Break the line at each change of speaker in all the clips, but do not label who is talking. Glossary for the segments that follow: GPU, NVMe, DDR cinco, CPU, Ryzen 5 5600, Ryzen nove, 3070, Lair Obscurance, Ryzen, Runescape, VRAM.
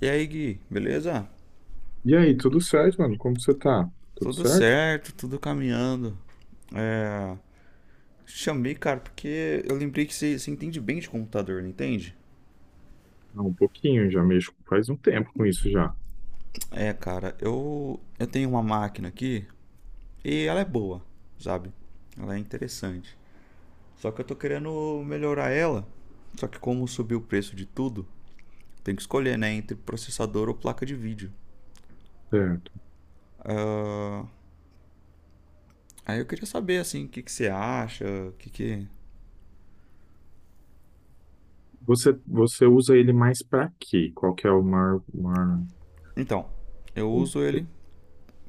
E aí, Gui, beleza?
E aí, tudo certo, mano? Como você tá? Tudo
Tudo
certo?
certo, tudo caminhando. É, Chamei, cara, porque eu lembrei que você entende bem de computador, não entende?
Ah, um pouquinho, já mexo faz um tempo com isso já.
É, cara, eu tenho uma máquina aqui e ela é boa, sabe? Ela é interessante. Só que eu tô querendo melhorar ela. Só que como subiu o preço de tudo, tem que escolher, né, entre processador ou placa de vídeo.
Certo.
Aí eu queria saber, assim, o que que você acha, o que que.
Você usa ele mais pra quê? Qual que é o maior, maior...
Então, eu
o-
uso ele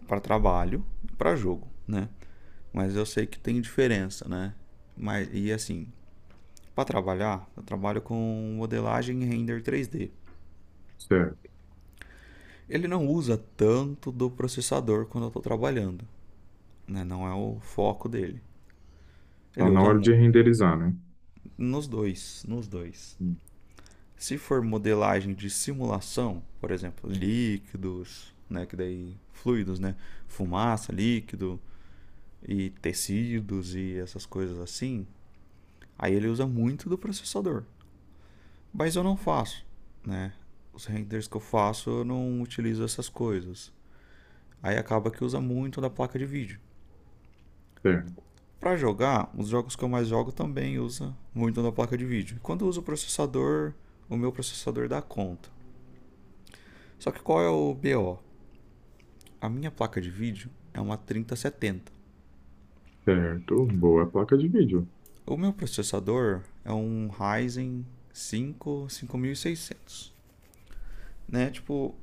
para trabalho e para jogo, né? Mas eu sei que tem diferença, né? Mas, e assim, para trabalhar, eu trabalho com modelagem e render 3D.
Certo.
Ele não usa tanto do processador quando eu estou trabalhando, né? Não é o foco dele. Ele
Então, na
usa
hora de renderizar, né?
nos dois.
Hum.
Se for modelagem de simulação, por exemplo, líquidos, né, que daí fluidos, né, fumaça, líquido e tecidos e essas coisas assim, aí ele usa muito do processador. Mas eu não faço, né? Os renders que eu faço, eu não utilizo essas coisas. Aí acaba que usa muito da placa de vídeo.
Certo.
Para jogar, os jogos que eu mais jogo também usa muito da placa de vídeo. Quando eu uso o processador, o meu processador dá conta. Só que qual é o BO? A minha placa de vídeo é uma 3070.
Certo. Boa placa de vídeo.
O meu processador é um Ryzen 5 5600, né? Tipo,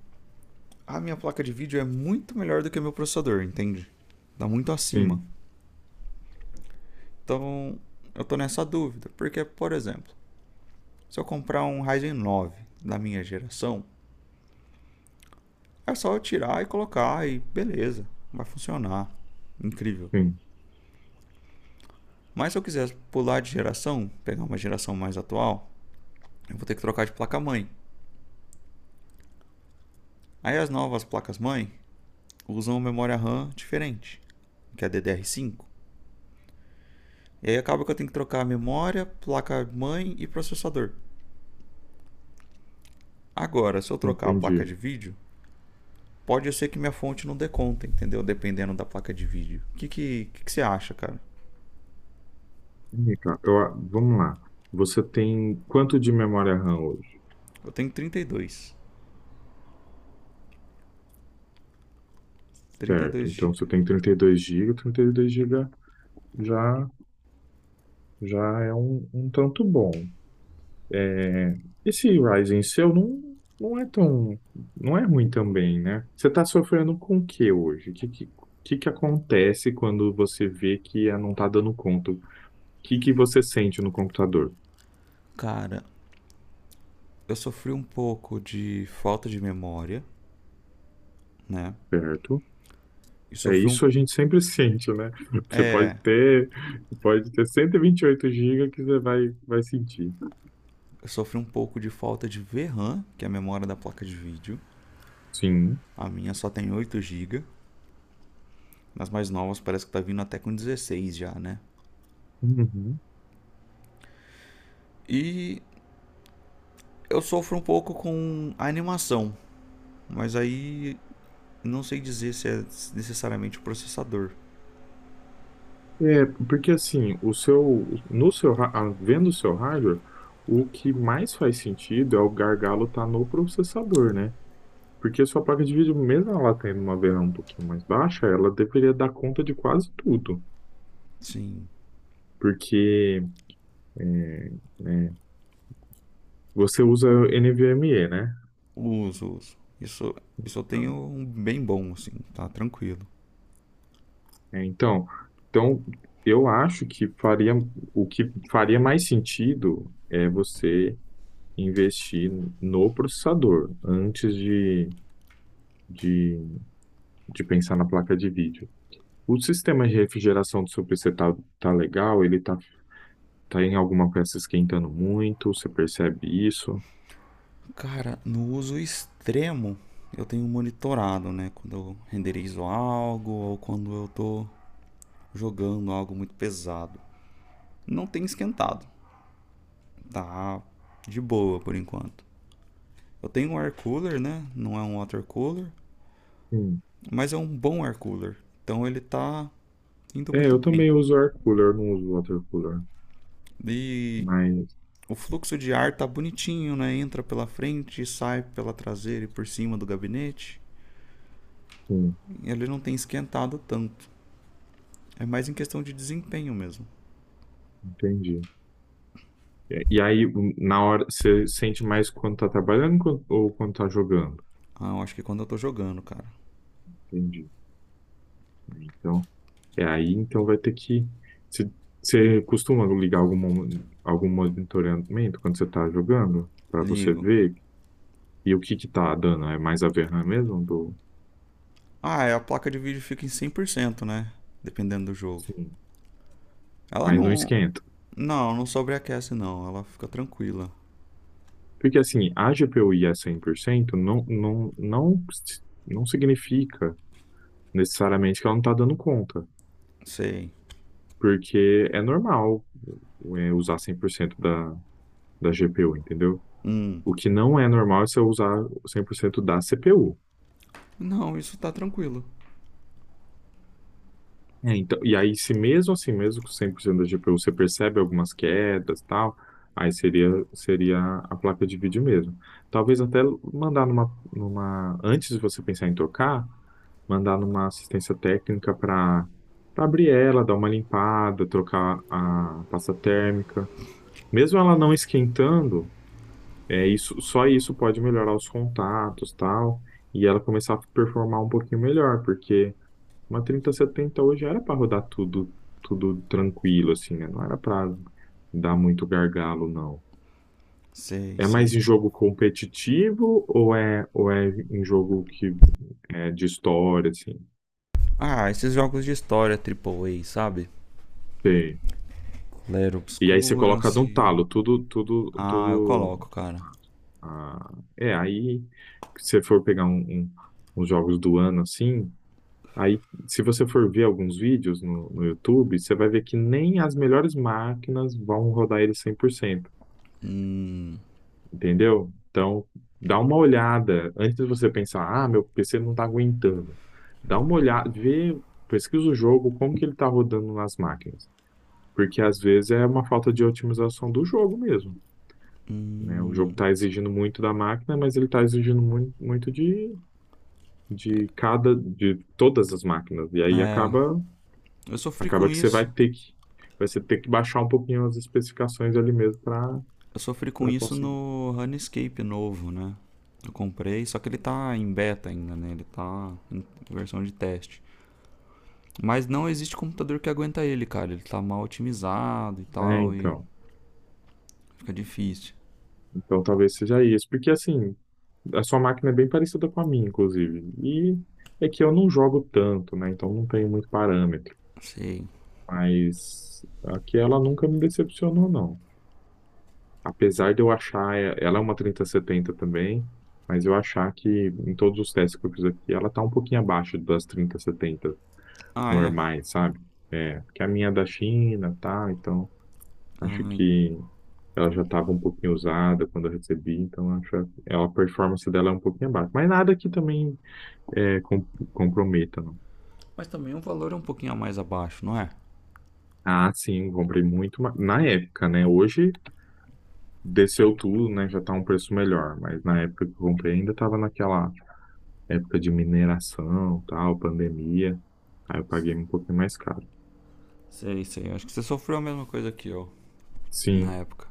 a minha placa de vídeo é muito melhor do que o meu processador, entende? Tá muito acima.
Sim,
Então, eu tô nessa dúvida, porque, por exemplo, se eu comprar um Ryzen nove da minha geração, é só eu tirar e colocar e beleza, vai funcionar. Incrível.
sim.
Mas se eu quiser pular de geração, pegar uma geração mais atual, eu vou ter que trocar de placa-mãe. Aí as novas placas-mãe usam memória RAM diferente, que é ddr cinco. E aí acaba que eu tenho que trocar a memória, placa-mãe e processador. Agora, se eu trocar a placa
Entendi.
de vídeo, pode ser que minha fonte não dê conta, entendeu? Dependendo da placa de vídeo. O que você acha, cara?
Ih, cara, vamos lá. Você tem quanto de memória RAM hoje?
Eu tenho 32. 32
Certo. Então,
GB.
você tem 32 GB. Dois GB já, já é um tanto bom. É, esse Ryzen seu não é tão, não é ruim também, né? Você está sofrendo com o que hoje? O que que acontece quando você vê que ah, não está dando conta? O que você sente no computador,
Cara, eu sofri um pouco de falta de memória, né?
certo?
E
É
sofri um.
isso a gente sempre sente, né? Você pode
É.
ter, pode ter cento e vinte e oito gigas que você vai sentir.
Eu sofri um pouco de falta de VRAM, que é a memória da placa de vídeo.
Sim.
A minha só tem 8 GB. Nas mais novas parece que tá vindo até com 16 já, né?
Uhum.
E eu sofro um pouco com a animação. Mas aí não sei dizer se é necessariamente o processador.
É, porque assim, no seu, vendo o seu hardware, o que mais faz sentido é o gargalo estar no processador, né? Porque a sua placa de vídeo, mesmo ela tendo uma VRAM um pouquinho mais baixa, ela deveria dar conta de quase tudo.
Sim,
Porque é, é, você usa NVMe, né?
uso. Isso, isso eu tenho
Então,
um bem bom, assim, tá tranquilo.
É, então, então, eu acho que faria, o que faria mais sentido é você investir no processador antes de, de pensar na placa de vídeo. O sistema de refrigeração do seu PC tá legal? Ele tá em alguma peça esquentando muito? Você percebe isso?
Cara, no uso extremo, eu tenho monitorado, né? Quando eu renderizo algo ou quando eu tô jogando algo muito pesado. Não tem esquentado, tá de boa por enquanto. Eu tenho um air cooler, né? Não é um water cooler,
Sim.
mas é um bom air cooler. Então ele tá indo
É,
muito
eu
bem.
também uso air cooler, não uso water cooler,
E
mas
o fluxo de ar tá bonitinho, né? Entra pela frente e sai pela traseira e por cima do gabinete.
sim,
Ele não tem esquentado tanto. É mais em questão de desempenho mesmo.
entendi. E aí, na hora, você sente mais quando tá trabalhando ou quando tá jogando?
Ah, eu acho que é quando eu tô jogando, cara.
Entendi. Então, é aí, então vai ter que. Você você costuma ligar algum monitoramento quando você tá jogando? Pra você
Ligo.
ver. E o que que tá dando? É mais a VRAM mesmo?
Ah, é, a placa de vídeo fica em 100%, né? Dependendo do jogo.
Sim,
Ela
mas não
não.
esquenta.
Não, não sobreaquece, não. Ela fica tranquila.
Porque assim, a GPU ir a 100% não significa necessariamente que ela não tá dando conta.
Sei.
Porque é normal usar 100% da GPU, entendeu? O que não é normal é você usar 100% da CPU.
Não, isso tá tranquilo.
É, então, e aí, se mesmo assim, mesmo com 100% da GPU, você percebe algumas quedas e tal, aí seria a placa de vídeo mesmo. Talvez até mandar numa, antes de você pensar em trocar, mandar numa assistência técnica para abrir ela, dar uma limpada, trocar a pasta térmica. Mesmo ela não esquentando, é isso, só isso pode melhorar os contatos, tal, e ela começar a performar um pouquinho melhor, porque uma 3070 hoje era para rodar tudo, tudo tranquilo, assim, né? Não era para dar muito gargalo, não.
Sei,
É mais
sei.
em jogo competitivo ou é em jogo que é de história, assim?
Ah, esses jogos de história triplo A, sabe?
Sei.
Lair
E aí você coloca
Obscurance.
num talo, tudo, tudo,
Ah, eu
tudo.
coloco, cara.
Ah, é, aí se você for pegar uns jogos do ano assim, aí se você for ver alguns vídeos no YouTube, você vai ver que nem as melhores máquinas vão rodar ele cem por cento. Entendeu? Então, dá uma olhada antes de você pensar, ah, meu PC não está aguentando. Dá uma olhada, vê, pesquisa o jogo, como que ele está rodando nas máquinas. Porque às vezes é uma falta de otimização do jogo mesmo, né? O jogo está exigindo muito da máquina, mas ele está exigindo muito, muito de todas as máquinas. E aí
É, eu sofri
acaba
com
que você
isso.
vai ter que baixar um pouquinho as especificações ali mesmo
Eu sofri com
para
isso
conseguir.
no Runescape novo, né? Eu comprei, só que ele tá em beta ainda, né? Ele tá em versão de teste. Mas não existe computador que aguenta ele, cara. Ele tá mal otimizado e
É,
tal, e
então.
fica difícil.
Então talvez seja isso, porque assim, a sua máquina é bem parecida com a minha, inclusive. E é que eu não jogo tanto, né? Então não tenho muito parâmetro.
Sei.
Mas aqui ela nunca me decepcionou, não. Apesar de eu achar, ela é uma 3070 também, mas eu achar que em todos os testes que eu fiz aqui, ela tá um pouquinho abaixo das 3070
Ah, é?
normais, sabe? É, porque a minha é da China, tá? Então acho
Ai,
que ela já estava um pouquinho usada quando eu recebi, então acho que a performance dela é um pouquinho abaixo. Mas nada que também é, com- comprometa, não.
mas também o valor é um pouquinho a mais abaixo, não é?
Ah, sim, comprei na época, né? Hoje desceu tudo, né? Já tá um preço melhor, mas na época que eu comprei ainda estava naquela época de mineração, tal, pandemia. Aí eu paguei um pouquinho mais caro.
Sei, sei. Acho que você sofreu a mesma coisa que eu na
Sim,
época.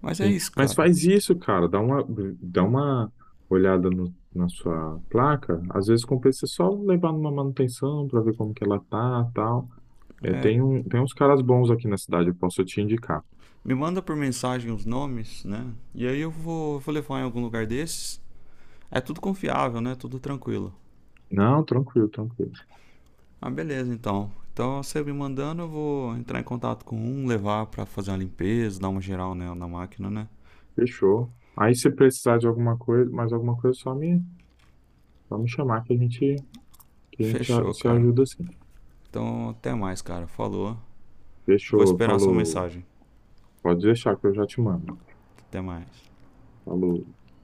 Mas é
sim,
isso,
mas
cara.
faz isso, cara. Dá uma olhada na sua placa. Às vezes compensa só levar numa manutenção para ver como que ela tá, tal. É,
É,
tem tem uns caras bons aqui na cidade, eu posso te indicar.
me manda por mensagem os nomes, né? E aí eu vou, vou levar em algum lugar desses. É tudo confiável, né? Tudo tranquilo.
Não, tranquilo, tranquilo.
Ah, beleza, então. Então você me mandando, eu vou entrar em contato com um, levar pra fazer uma limpeza, dar uma geral né, na máquina, né?
Fechou. Aí se precisar de alguma coisa, mais alguma coisa, só me chamar que que a gente
Fechou,
se
cara.
ajuda assim.
Então até mais, cara. Falou. Vou
Fechou,
esperar a sua
falou.
mensagem.
Pode deixar que eu já te mando.
Até mais.
Falou.